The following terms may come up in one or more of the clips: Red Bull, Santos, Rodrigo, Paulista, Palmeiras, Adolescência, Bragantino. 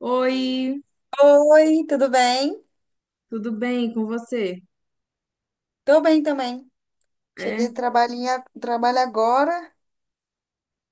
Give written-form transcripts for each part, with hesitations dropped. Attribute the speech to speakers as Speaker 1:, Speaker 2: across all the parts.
Speaker 1: Oi,
Speaker 2: Oi, tudo bem?
Speaker 1: tudo bem com você?
Speaker 2: Tô bem também. Cheguei
Speaker 1: É?
Speaker 2: do trabalhinho, trabalho agora,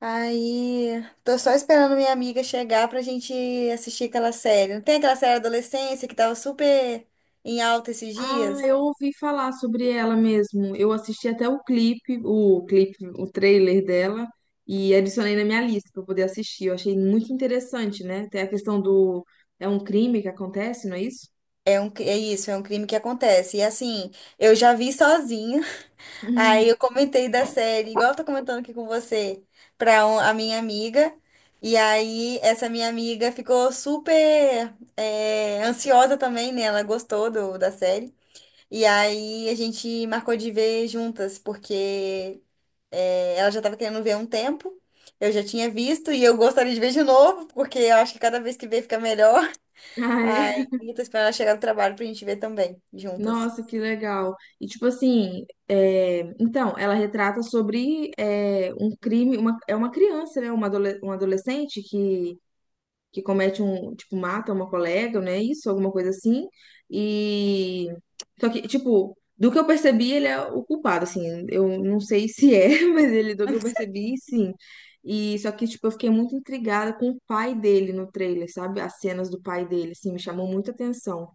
Speaker 2: aí tô só esperando minha amiga chegar pra gente assistir aquela série. Não tem aquela série Adolescência que tava super em alta esses
Speaker 1: Ah,
Speaker 2: dias?
Speaker 1: eu ouvi falar sobre ela mesmo. Eu assisti até o clipe, o trailer dela e adicionei na minha lista para poder assistir. Eu achei muito interessante, né? Tem a questão do é um crime que acontece, não é isso?
Speaker 2: É isso, é um crime que acontece. E assim, eu já vi sozinha. Aí eu comentei da série, igual eu tô comentando aqui com você, pra a minha amiga. E aí essa minha amiga ficou super ansiosa também, né? Ela gostou da série. E aí a gente marcou de ver juntas, porque é, ela já tava querendo ver há um tempo. Eu já tinha visto e eu gostaria de ver de novo, porque eu acho que cada vez que vê fica melhor.
Speaker 1: Ah,
Speaker 2: Aí
Speaker 1: é?
Speaker 2: eu tô esperando ela chegar do trabalho pra gente ver também, juntas.
Speaker 1: Nossa, que legal. E tipo assim, é, então, ela retrata sobre um crime, uma, é uma criança, né? Uma, uma adolescente que comete um, tipo, mata uma colega, né? Isso, alguma coisa assim. E só que, tipo, do que eu percebi, ele é o culpado, assim. Eu não sei se é, mas ele, do que eu percebi, sim. E só que, tipo, eu fiquei muito intrigada com o pai dele no trailer, sabe? As cenas do pai dele, assim, me chamou muita atenção.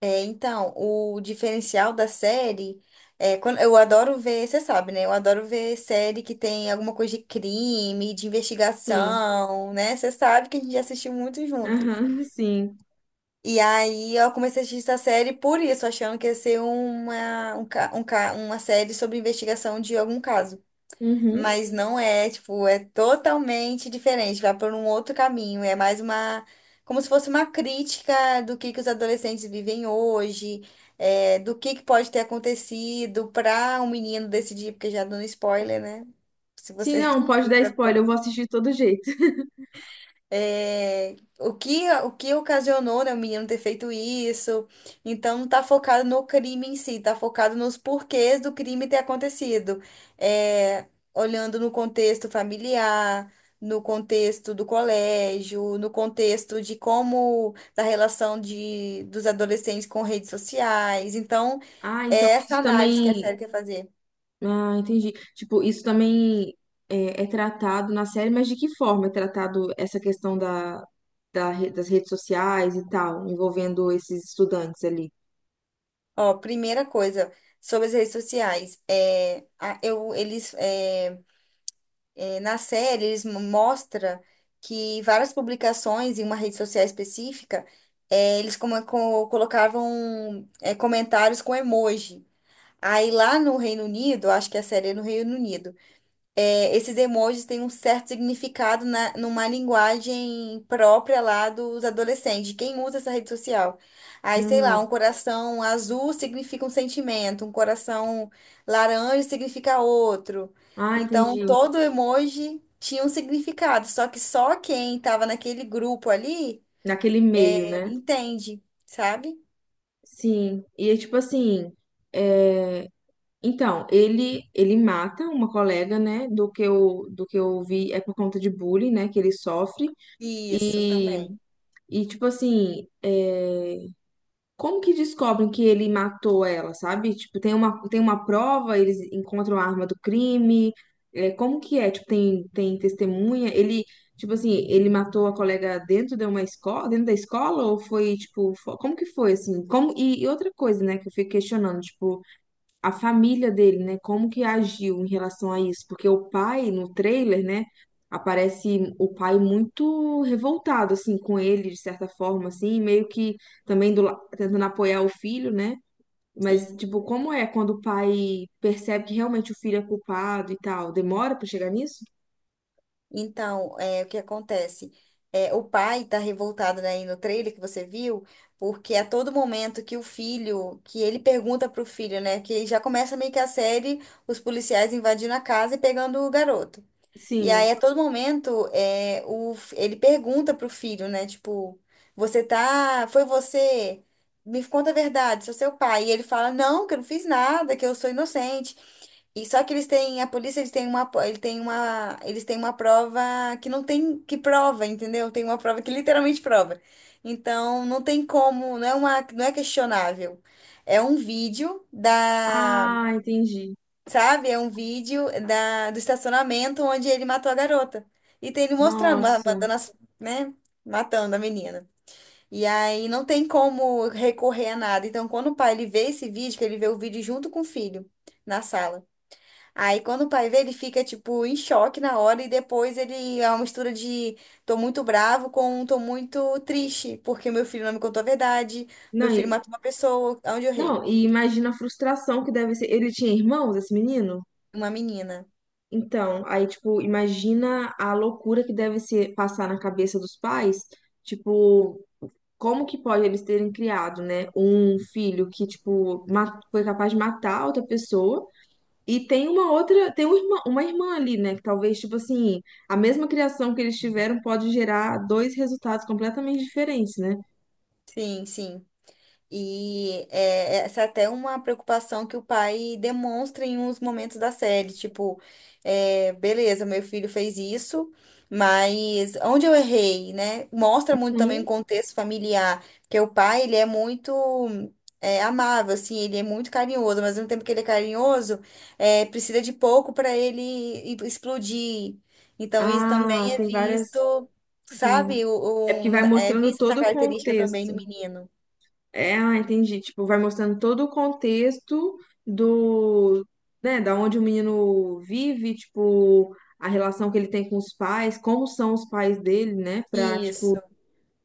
Speaker 2: É, então, o diferencial da série é quando eu adoro ver, você sabe, né? Eu adoro ver série que tem alguma coisa de crime, de
Speaker 1: Sim.
Speaker 2: investigação, né? Você sabe que a gente já assistiu muito juntas.
Speaker 1: Aham, sim.
Speaker 2: E aí eu comecei a assistir essa série por isso, achando que ia ser uma, um, ca- uma série sobre investigação de algum caso,
Speaker 1: Uhum.
Speaker 2: mas não é, tipo, é totalmente diferente, vai por um outro caminho, é mais uma, como se fosse uma crítica do que os adolescentes vivem hoje, é, do que pode ter acontecido para um menino decidir, porque já dando spoiler, né? Se
Speaker 1: Sim,
Speaker 2: você
Speaker 1: não, pode dar
Speaker 2: já
Speaker 1: spoiler,
Speaker 2: falou
Speaker 1: eu vou assistir de todo jeito.
Speaker 2: é, o que ocasionou, né, o menino ter feito isso. Então, não tá focado no crime em si, tá focado nos porquês do crime ter acontecido. É, olhando no contexto familiar, no contexto do colégio, no contexto de como, da relação dos adolescentes com redes sociais. Então,
Speaker 1: Ah, então
Speaker 2: é essa
Speaker 1: isso
Speaker 2: análise que a
Speaker 1: também.
Speaker 2: série quer fazer.
Speaker 1: Ah, entendi. Tipo, isso também é, é tratado na série, mas de que forma é tratado essa questão da, das redes sociais e tal, envolvendo esses estudantes ali?
Speaker 2: Ó, primeira coisa. Sobre as redes sociais, eles, na série, eles mostra que várias publicações em uma rede social específica, eles colocavam comentários com emoji. Aí lá no Reino Unido, acho que é a série é no Reino Unido, é, esses emojis têm um certo significado numa linguagem própria lá dos adolescentes, de quem usa essa rede social. Aí, sei lá,
Speaker 1: Ah,
Speaker 2: um coração azul significa um sentimento, um coração laranja significa outro.
Speaker 1: ah,
Speaker 2: Então,
Speaker 1: entendi.
Speaker 2: todo emoji tinha um significado, só que só quem estava naquele grupo ali
Speaker 1: Naquele meio, né?
Speaker 2: entende, sabe?
Speaker 1: Sim. E é tipo assim, é, então, ele mata uma colega, né? Do que eu vi é por conta de bullying, né? Que ele sofre.
Speaker 2: Isso
Speaker 1: E,
Speaker 2: também.
Speaker 1: e tipo assim, é, como que descobrem que ele matou ela, sabe? Tipo, tem uma prova, eles encontram a arma do crime. É, como que é? Tipo, tem, tem testemunha? Ele, tipo assim, ele matou a colega dentro de uma escola, dentro da escola? Ou foi, tipo, como que foi, assim? Como, e outra coisa, né, que eu fico questionando, tipo, a família dele, né? Como que agiu em relação a isso? Porque o pai, no trailer, né? Aparece o pai muito revoltado, assim, com ele, de certa forma, assim, meio que também do, tentando apoiar o filho, né? Mas,
Speaker 2: Sim.
Speaker 1: tipo, como é quando o pai percebe que realmente o filho é culpado e tal? Demora pra chegar nisso?
Speaker 2: Então, é, o que acontece? É, o pai tá revoltado, né, aí no trailer que você viu, porque a todo momento que ele pergunta pro filho, né, que já começa meio que a série, os policiais invadindo a casa e pegando o garoto. E aí,
Speaker 1: Sim.
Speaker 2: a todo momento, ele pergunta pro filho, né, tipo, foi você, me conta a verdade, sou seu pai. E ele fala, não, que eu não fiz nada, que eu sou inocente. E só que a polícia, eles têm uma prova que não tem, que prova, entendeu? Tem uma prova que literalmente prova. Então, não tem como, não é uma, não é questionável. É um vídeo da,
Speaker 1: Ah, entendi.
Speaker 2: sabe? É um vídeo da, do estacionamento onde ele matou a garota. E tem ele
Speaker 1: Nossa.
Speaker 2: mandando as, né? Matando a menina. E aí não tem como recorrer a nada. Então, quando o pai ele vê esse vídeo, que ele vê o vídeo junto com o filho na sala. Aí quando o pai vê, ele fica tipo em choque na hora e depois ele é uma mistura de tô muito bravo com um tô muito triste, porque meu filho não me contou a verdade,
Speaker 1: Não,
Speaker 2: meu filho
Speaker 1: e-
Speaker 2: matou uma pessoa, onde eu errei?
Speaker 1: não, e imagina a frustração que deve ser. Ele tinha irmãos, esse menino?
Speaker 2: Uma menina.
Speaker 1: Então, aí, tipo, imagina a loucura que deve ser passar na cabeça dos pais, tipo, como que pode eles terem criado, né, um filho que, tipo, foi capaz de matar outra pessoa e tem uma outra, tem um uma irmã ali, né, que talvez, tipo assim, a mesma criação que eles tiveram pode gerar dois resultados completamente diferentes, né?
Speaker 2: Sim, sim. E é, essa é até uma preocupação que o pai demonstra em uns momentos da série, tipo, é, beleza, meu filho fez isso, mas onde eu errei, né? Mostra muito também o
Speaker 1: Uhum.
Speaker 2: contexto familiar, que o pai, ele é muito é, amável, assim, ele é muito carinhoso, mas ao mesmo tempo que ele é carinhoso, é, precisa de pouco para ele explodir. Então isso
Speaker 1: Ah,
Speaker 2: também é
Speaker 1: tem várias,
Speaker 2: visto,
Speaker 1: sim.
Speaker 2: sabe?
Speaker 1: É porque vai
Speaker 2: É
Speaker 1: mostrando
Speaker 2: vista essa
Speaker 1: todo o
Speaker 2: característica também do
Speaker 1: contexto.
Speaker 2: menino.
Speaker 1: É, ah, entendi. Tipo, vai mostrando todo o contexto do, né, da onde o menino vive, tipo, a relação que ele tem com os pais, como são os pais dele, né, pra, tipo,
Speaker 2: Isso.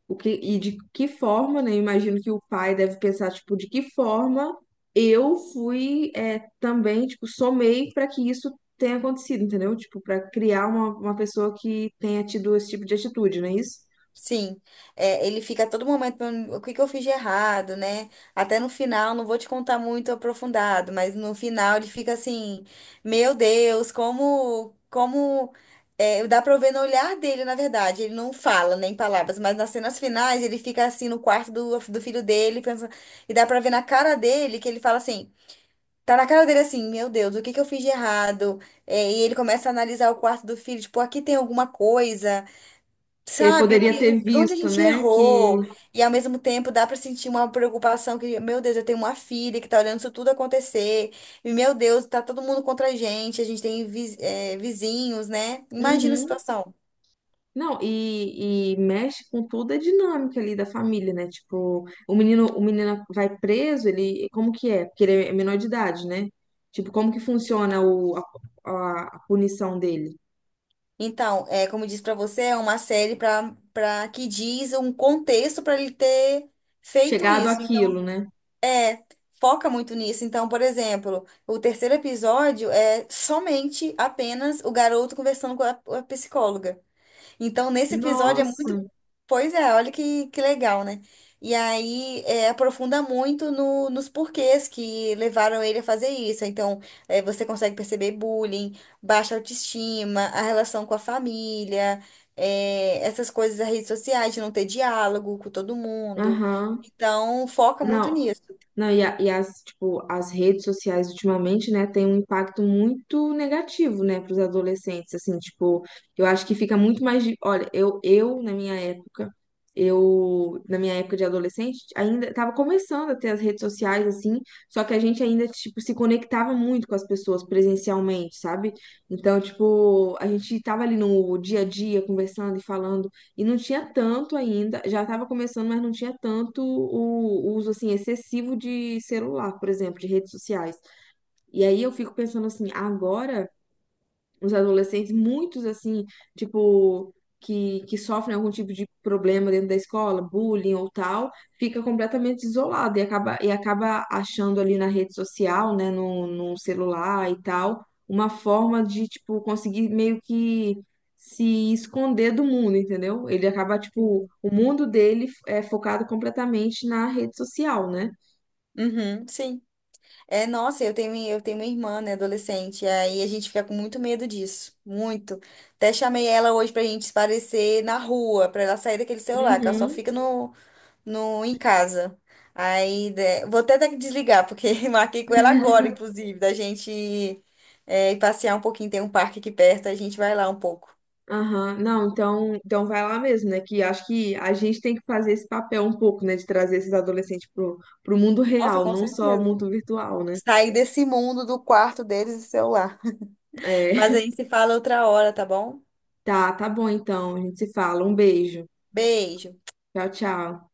Speaker 1: o que, e de que forma, né, eu imagino que o pai deve pensar, tipo, de que forma eu fui, é, também, tipo, somei pra que isso tenha acontecido, entendeu? Tipo, pra criar uma pessoa que tenha tido esse tipo de atitude, não é isso?
Speaker 2: Sim, é, ele fica a todo momento, perguntando, o que que eu fiz de errado, né? Até no final, não vou te contar muito aprofundado, mas no final ele fica assim, meu Deus, como, é, dá pra eu ver no olhar dele, na verdade, ele não fala nem palavras, mas nas cenas finais ele fica assim no quarto do filho dele, pensando, e dá pra ver na cara dele que ele fala assim, tá na cara dele assim, meu Deus, o que que eu fiz de errado? É, e ele começa a analisar o quarto do filho, tipo, aqui tem alguma coisa.
Speaker 1: Que ele
Speaker 2: Sabe, o
Speaker 1: poderia
Speaker 2: que,
Speaker 1: ter
Speaker 2: onde a
Speaker 1: visto,
Speaker 2: gente
Speaker 1: né, que...
Speaker 2: errou, e ao mesmo tempo dá para sentir uma preocupação que, meu Deus, eu tenho uma filha que tá olhando isso tudo acontecer, e meu Deus, tá todo mundo contra a gente tem vizinhos, né? Imagina a
Speaker 1: Uhum.
Speaker 2: situação.
Speaker 1: Não, e mexe com toda a dinâmica ali da família, né? Tipo, o menino vai preso, ele, como que é? Porque ele é menor de idade, né? Tipo, como que funciona o, a, a punição dele?
Speaker 2: Então, é, como eu disse para você, é uma série para que diz um contexto para ele ter feito
Speaker 1: Chegado
Speaker 2: isso.
Speaker 1: àquilo,
Speaker 2: Então,
Speaker 1: né?
Speaker 2: é, foca muito nisso. Então, por exemplo, o terceiro episódio é somente apenas o garoto conversando com a psicóloga. Então, nesse episódio é
Speaker 1: Nossa,
Speaker 2: muito. Pois é, olha que legal, né? E aí é, aprofunda muito no, nos porquês que levaram ele a fazer isso. Então, é, você consegue perceber bullying, baixa autoestima, a relação com a família, é, essas coisas das redes sociais, de não ter diálogo com todo mundo.
Speaker 1: aham.
Speaker 2: Então, foca muito
Speaker 1: Não,
Speaker 2: nisso.
Speaker 1: não, e, e as, tipo, as redes sociais ultimamente, né, tem um impacto muito negativo, né, para os adolescentes, assim, tipo, eu acho que fica muito mais, olha, eu na minha época, eu na minha época de adolescente ainda estava começando a ter as redes sociais, assim, só que a gente ainda, tipo, se conectava muito com as pessoas presencialmente, sabe? Então, tipo, a gente tava ali no dia a dia conversando e falando e não tinha tanto ainda, já estava começando, mas não tinha tanto o uso assim excessivo de celular, por exemplo, de redes sociais. E aí eu fico pensando assim, agora os adolescentes, muitos assim, tipo, que sofrem algum tipo de problema dentro da escola, bullying ou tal, fica completamente isolado e e acaba achando ali na rede social, né, no, no celular e tal, uma forma de, tipo, conseguir meio que se esconder do mundo, entendeu? Ele acaba, tipo,
Speaker 2: Sim.
Speaker 1: o mundo dele é focado completamente na rede social, né?
Speaker 2: Uhum, sim. É, nossa, eu tenho uma irmã, né, adolescente, e aí a gente fica com muito medo disso, muito. Até chamei ela hoje pra gente se parecer na rua, pra ela sair daquele celular, que ela só
Speaker 1: Uhum.
Speaker 2: fica no, no, em casa. Aí, né, vou até ter que desligar, porque marquei com ela agora, inclusive, da gente é, ir passear um pouquinho, tem um parque aqui perto, a gente vai lá um pouco.
Speaker 1: Aham, não, então, então vai lá mesmo, né? Que acho que a gente tem que fazer esse papel um pouco, né? De trazer esses adolescentes pro, pro mundo
Speaker 2: Nossa,
Speaker 1: real,
Speaker 2: com
Speaker 1: não só o
Speaker 2: certeza.
Speaker 1: mundo virtual, né?
Speaker 2: Sair desse mundo do quarto deles e celular.
Speaker 1: É,
Speaker 2: Mas a gente se fala outra hora, tá bom?
Speaker 1: tá, tá bom então, a gente se fala. Um beijo.
Speaker 2: Beijo.
Speaker 1: Tchau, tchau.